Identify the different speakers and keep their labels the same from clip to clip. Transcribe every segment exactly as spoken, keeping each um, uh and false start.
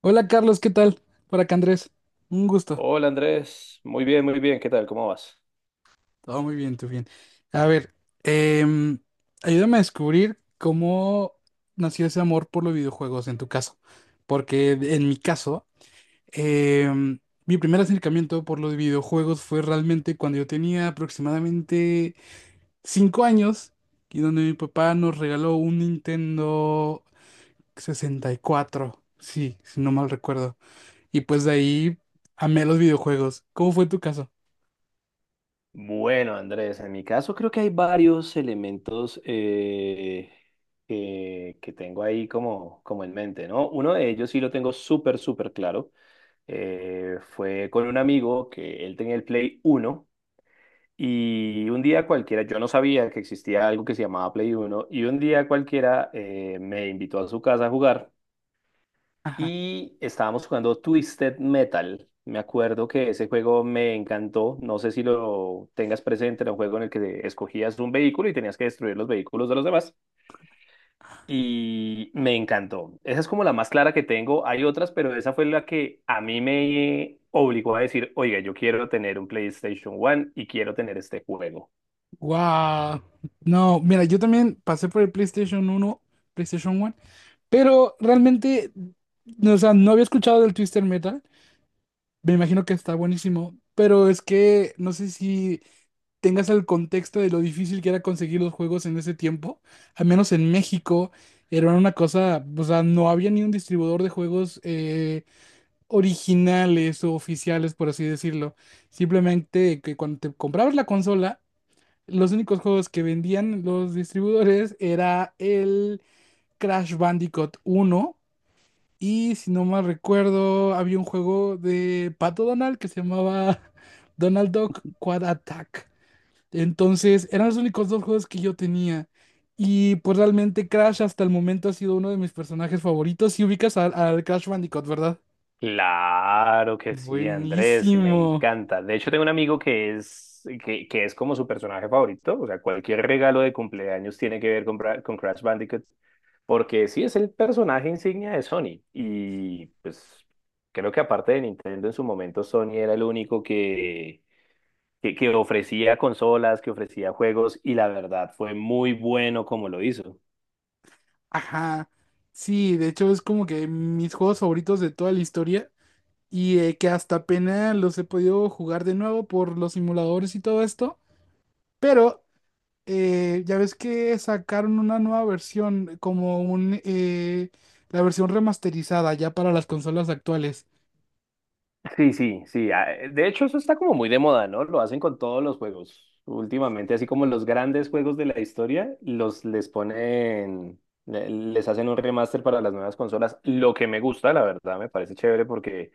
Speaker 1: Hola Carlos, ¿qué tal? Por acá Andrés, un gusto.
Speaker 2: Hola Andrés, muy bien, muy bien, ¿qué tal? ¿Cómo vas?
Speaker 1: Todo muy bien, tú bien. A ver, em, ayúdame a descubrir cómo nació ese amor por los videojuegos en tu caso. Porque en mi caso, em, mi primer acercamiento por los videojuegos fue realmente cuando yo tenía aproximadamente cinco años y donde mi papá nos regaló un Nintendo sesenta y cuatro, sí, si no mal recuerdo. Y pues de ahí amé los videojuegos. ¿Cómo fue tu caso?
Speaker 2: Bueno, Andrés, en mi caso creo que hay varios elementos eh, que, que tengo ahí como, como en mente, ¿no? Uno de ellos sí lo tengo súper, súper claro. Eh, fue con un amigo que él tenía el Play Uno y un día cualquiera, yo no sabía que existía algo que se llamaba Play Uno y un día cualquiera eh, me invitó a su casa a jugar. Y estábamos jugando Twisted Metal. Me acuerdo que ese juego me encantó. No sé si lo tengas presente, era un juego en el que escogías un vehículo y tenías que destruir los vehículos de los demás. Y me encantó. Esa es como la más clara que tengo. Hay otras, pero esa fue la que a mí me obligó a decir, oiga, yo quiero tener un PlayStation One y quiero tener este juego.
Speaker 1: Wow. No, mira, yo también pasé por el PlayStation uno PlayStation 1, pero realmente, no, o sea, no había escuchado del Twister Metal. Me imagino que está buenísimo, pero es que no sé si tengas el contexto de lo difícil que era conseguir los juegos en ese tiempo. Al menos en México era una cosa, o sea, no había ni un distribuidor de juegos eh, originales o oficiales, por así decirlo. Simplemente que cuando te comprabas la consola, los únicos juegos que vendían los distribuidores era el Crash Bandicoot uno y si no mal recuerdo había un juego de Pato Donald que se llamaba Donald Duck Quad Attack. Entonces eran los únicos dos juegos que yo tenía y pues realmente Crash hasta el momento ha sido uno de mis personajes favoritos. Si ubicas al, al Crash Bandicoot, ¿verdad?
Speaker 2: Claro que sí, Andrés, me
Speaker 1: Buenísimo.
Speaker 2: encanta. De hecho, tengo un amigo que es, que, que es como su personaje favorito. O sea, cualquier regalo de cumpleaños tiene que ver con, Bra- con Crash Bandicoot, porque sí es el personaje insignia de Sony. Y pues creo que aparte de Nintendo en su momento, Sony era el único que, que, que ofrecía consolas, que ofrecía juegos, y la verdad fue muy bueno como lo hizo.
Speaker 1: Ajá. Sí, de hecho es como que mis juegos favoritos de toda la historia. Y eh, que hasta apenas los he podido jugar de nuevo por los simuladores y todo esto, pero eh, ya ves que sacaron una nueva versión, como un, eh, la versión remasterizada ya para las consolas actuales.
Speaker 2: Sí, sí, sí. ah, eh, De hecho, eso está como muy de moda, ¿no? Lo hacen con todos los juegos. Últimamente, así como los grandes juegos de la historia, los les ponen, le- les hacen un remaster para las nuevas consolas. Lo que me gusta, la verdad, me parece chévere porque,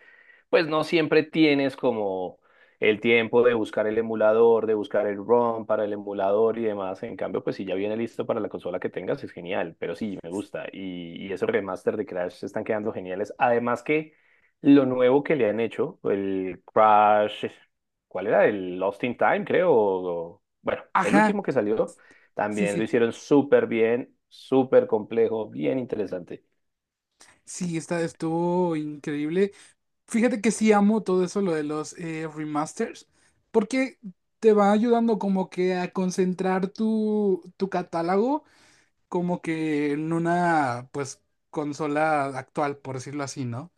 Speaker 2: pues, no siempre tienes como el tiempo de buscar el emulador, de buscar el ROM para el emulador y demás. En cambio, pues, si ya viene listo para la consola que tengas, es genial. Pero sí, me gusta. Y, y esos remaster de Crash están quedando geniales. Además que lo nuevo que le han hecho, el Crash, ¿cuál era? El Lost in Time, creo. O- bueno, el
Speaker 1: Ajá,
Speaker 2: último que salió,
Speaker 1: sí,
Speaker 2: también lo
Speaker 1: sí.
Speaker 2: hicieron súper bien, súper complejo, bien interesante.
Speaker 1: Sí, esta estuvo increíble. Fíjate que sí amo todo eso, lo de los eh, remasters, porque te va ayudando como que a concentrar tu, tu catálogo como que en una, pues, consola actual, por decirlo así, ¿no?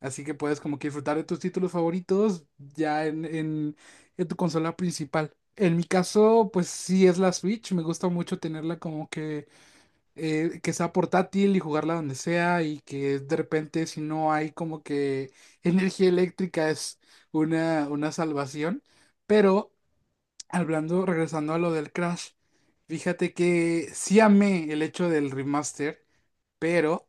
Speaker 1: Así que puedes como que disfrutar de tus títulos favoritos ya en, en, en tu consola principal. En mi caso, pues sí es la Switch, me gusta mucho tenerla como que, eh, que sea portátil y jugarla donde sea, y que de repente, si no hay como que energía eléctrica, es una, una salvación. Pero, Hablando, regresando a lo del Crash, fíjate que sí amé el hecho del remaster, pero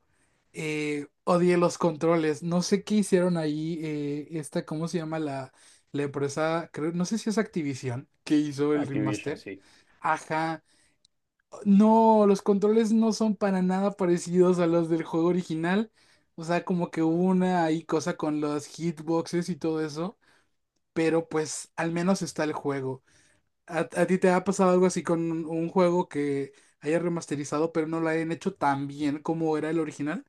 Speaker 1: eh, odié los controles. No sé qué hicieron ahí, eh, esta, ¿cómo se llama la, la empresa? Creo, no sé si es Activision que hizo el
Speaker 2: Activision,
Speaker 1: remaster.
Speaker 2: sí.
Speaker 1: Ajá. No, los controles no son para nada parecidos a los del juego original. O sea, como que hubo una ahí cosa con los hitboxes y todo eso, pero pues al menos está el juego. ¿A, a ti te ha pasado algo así con un, un juego que haya remasterizado, pero no lo hayan hecho tan bien como era el original?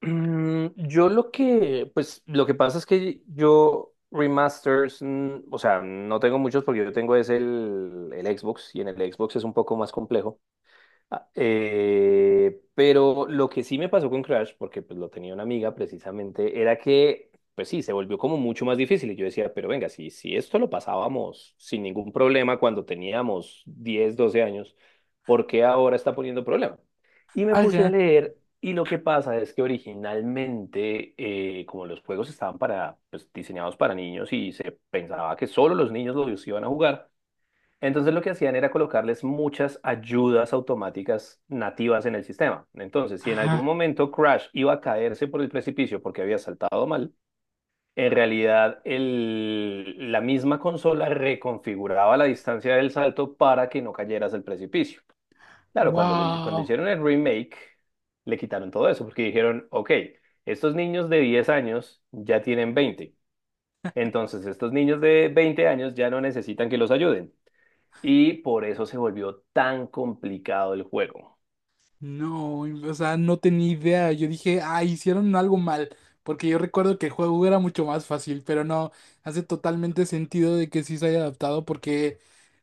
Speaker 2: Mm, yo lo que, pues lo que pasa es que yo remasters, mm, o sea, no tengo muchos porque yo tengo es el, el Xbox y en el Xbox es un poco más complejo. Ah, eh, pero lo que sí me pasó con Crash, porque pues lo tenía una amiga precisamente, era que, pues sí, se volvió como mucho más difícil. Y yo decía, pero venga, si, si esto lo pasábamos sin ningún problema cuando teníamos diez, doce años, ¿por qué ahora está poniendo problema? Y me puse a
Speaker 1: Ajá.
Speaker 2: leer y lo que pasa es que originalmente, eh, como los juegos estaban para, pues, diseñados para niños y se pensaba que solo los niños los iban a jugar, entonces lo que hacían era colocarles muchas ayudas automáticas nativas en el sistema. Entonces, si en algún
Speaker 1: Ajá.
Speaker 2: momento Crash iba a caerse por el precipicio porque había saltado mal, en realidad el- la misma consola reconfiguraba la distancia del salto para que no cayeras al precipicio. Claro, cuando lo, hice- cuando
Speaker 1: Wow.
Speaker 2: hicieron el remake, le quitaron todo eso porque dijeron, ok, estos niños de diez años ya tienen veinte. Entonces, estos niños de veinte años ya no necesitan que los ayuden y por eso se volvió tan complicado el juego.
Speaker 1: No, o sea, no tenía idea. Yo dije, ah, hicieron algo mal. Porque yo recuerdo que el juego era mucho más fácil, pero no, hace totalmente sentido de que sí se haya adaptado, porque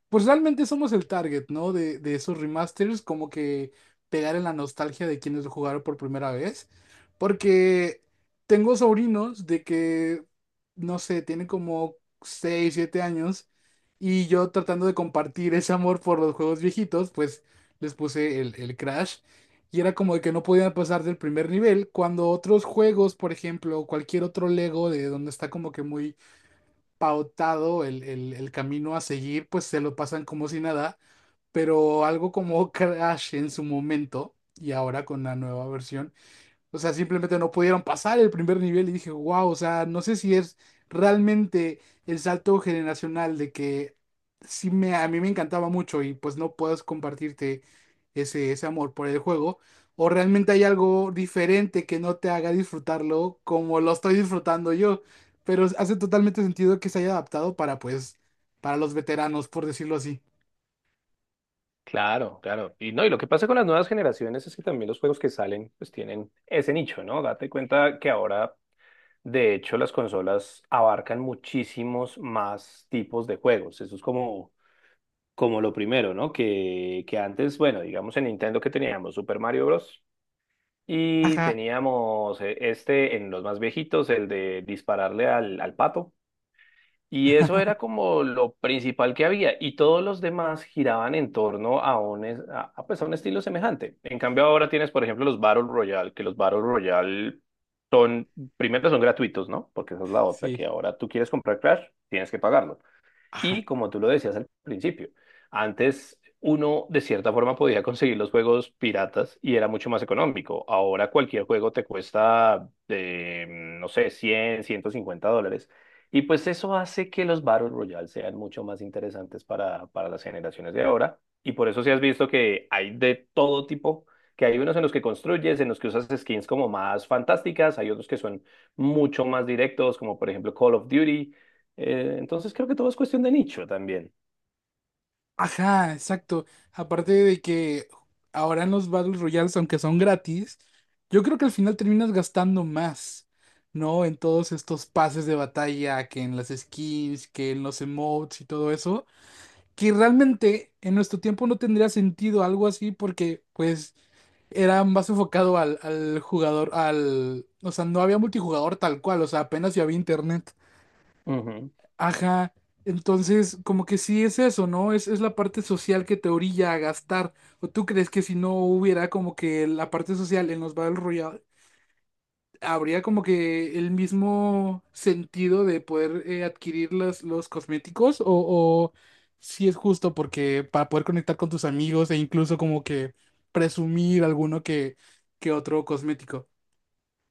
Speaker 1: pues realmente somos el target, ¿no? De, de esos remasters, como que pegar en la nostalgia de quienes lo jugaron por primera vez. Porque tengo sobrinos de que, no sé, tienen como seis siete años, y yo tratando de compartir ese amor por los juegos viejitos, pues les puse el, el Crash y era como de que no podían pasar del primer nivel, cuando otros juegos, por ejemplo, cualquier otro Lego de donde está como que muy pautado el, el- el camino a seguir, pues se lo pasan como si nada, pero algo como Crash en su momento y ahora con la nueva versión, o sea, simplemente no pudieron pasar el primer nivel, y dije, wow, o sea, no sé si es realmente el salto generacional de que sí me, a mí me encantaba mucho y pues no puedes compartirte ese, ese amor por el juego, o realmente hay algo diferente que no te haga disfrutarlo como lo estoy disfrutando yo, pero hace totalmente sentido que se haya adaptado para, pues, para los veteranos, por decirlo así.
Speaker 2: Claro, claro. Y no, y lo que pasa con las nuevas generaciones es que también los juegos que salen pues tienen ese nicho, ¿no? Date cuenta que ahora, de hecho, las consolas abarcan muchísimos más tipos de juegos. Eso es como, como lo primero, ¿no? Que, que antes, bueno, digamos en Nintendo que teníamos Super Mario Bros. Y
Speaker 1: Ajá.
Speaker 2: teníamos eh, este en los más viejitos, el de dispararle al, al pato. Y eso era como lo principal que había, y todos los demás giraban en torno a un, es- a, a, pues, a un estilo semejante. En cambio, ahora tienes, por ejemplo, los Battle Royale, que los Battle Royale son, primero son gratuitos, ¿no? Porque esa es la otra,
Speaker 1: Sí.
Speaker 2: que ahora tú quieres comprar Crash, tienes que pagarlo.
Speaker 1: Ajá.
Speaker 2: Y como tú lo decías al principio, antes uno de cierta forma podía conseguir los juegos piratas y era mucho más económico. Ahora cualquier juego te cuesta, eh, no sé, cien, ciento cincuenta dólares. Y pues eso hace que los Battle Royale sean mucho más interesantes para, para las generaciones de ahora. Y por eso si has visto que hay de todo tipo, que hay unos en los que construyes, en los que usas skins como más fantásticas, hay otros que son mucho más directos, como por ejemplo Call of Duty eh, Entonces creo que todo es cuestión de nicho también.
Speaker 1: Ajá, exacto. Aparte de que ahora, en los Battle Royales, aunque son gratis, yo creo que al final terminas gastando más, ¿no? En todos estos pases de batalla, que en las skins, que en los emotes y todo eso, que realmente en nuestro tiempo no tendría sentido algo así porque pues era más enfocado al, al jugador, al... O sea, no había multijugador tal cual, o sea, apenas si había internet.
Speaker 2: Ujú.
Speaker 1: Ajá, entonces como que sí es eso, ¿no? Es, es la parte social que te orilla a gastar. ¿O tú crees que si no hubiera como que la parte social en los Battle Royale, habría como que el mismo sentido de poder eh, adquirir los, los cosméticos? ¿O, o si es justo porque para poder conectar con tus amigos e incluso como que presumir alguno que, que otro cosmético?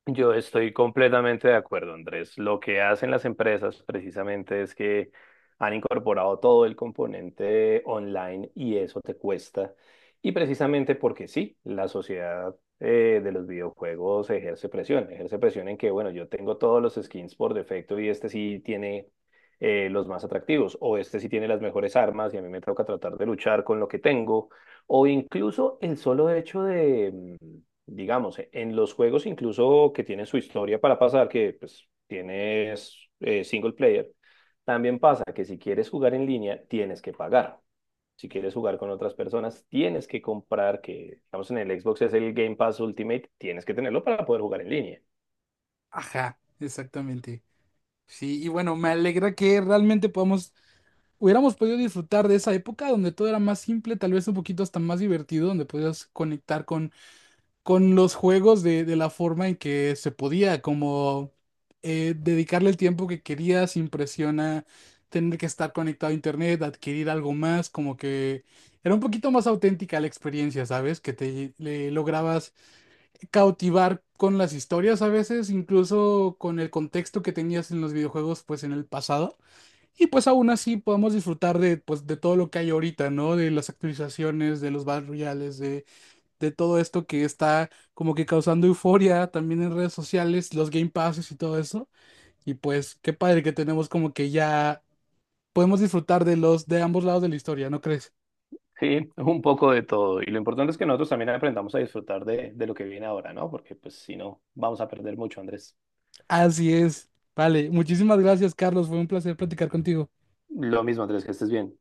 Speaker 2: Yo estoy completamente de acuerdo, Andrés. Lo que hacen las empresas precisamente es que han incorporado todo el componente online y eso te cuesta. Y precisamente porque sí, la sociedad eh, de los videojuegos ejerce presión. Ejerce presión en que, bueno, yo tengo todos los skins por defecto y este sí tiene eh, los más atractivos, o este sí tiene las mejores armas y a mí me toca tratar de luchar con lo que tengo, o incluso el solo hecho de, mm, digamos, e- en los juegos incluso que tienen su historia para pasar, que pues tienes eh, single player, también pasa que si quieres jugar en línea, tienes que pagar. Si quieres jugar con otras personas, tienes que comprar, que digamos en el Xbox es el Game Pass Ultimate, tienes que tenerlo para poder jugar en línea.
Speaker 1: Ajá, exactamente. Sí, y bueno, me alegra que realmente podamos hubiéramos podido disfrutar de esa época donde todo era más simple, tal vez un poquito hasta más divertido, donde podías conectar con, con los juegos de, de la forma en que se podía, como eh, dedicarle el tiempo que querías sin presión a tener que estar conectado a internet, adquirir algo más, como que era un poquito más auténtica la experiencia, ¿sabes? Que te le lograbas cautivar con las historias a veces, incluso con el contexto que tenías en los videojuegos, pues en el pasado. Y pues aún así podemos disfrutar de, pues, de todo lo que hay ahorita, ¿no? De las actualizaciones, de los Battle Royales, de, de todo esto que está como que causando euforia también en redes sociales, los Game Passes y todo eso. Y pues qué padre que tenemos como que ya podemos disfrutar de los de ambos lados de la historia, ¿no crees?
Speaker 2: Sí, es un poco de todo. Y lo importante es que nosotros también aprendamos a disfrutar de, de lo que viene ahora, ¿no? Porque pues si no, vamos a perder mucho, Andrés.
Speaker 1: Así es. Vale, muchísimas gracias, Carlos. Fue un placer platicar contigo.
Speaker 2: Lo mismo, Andrés, que estés bien.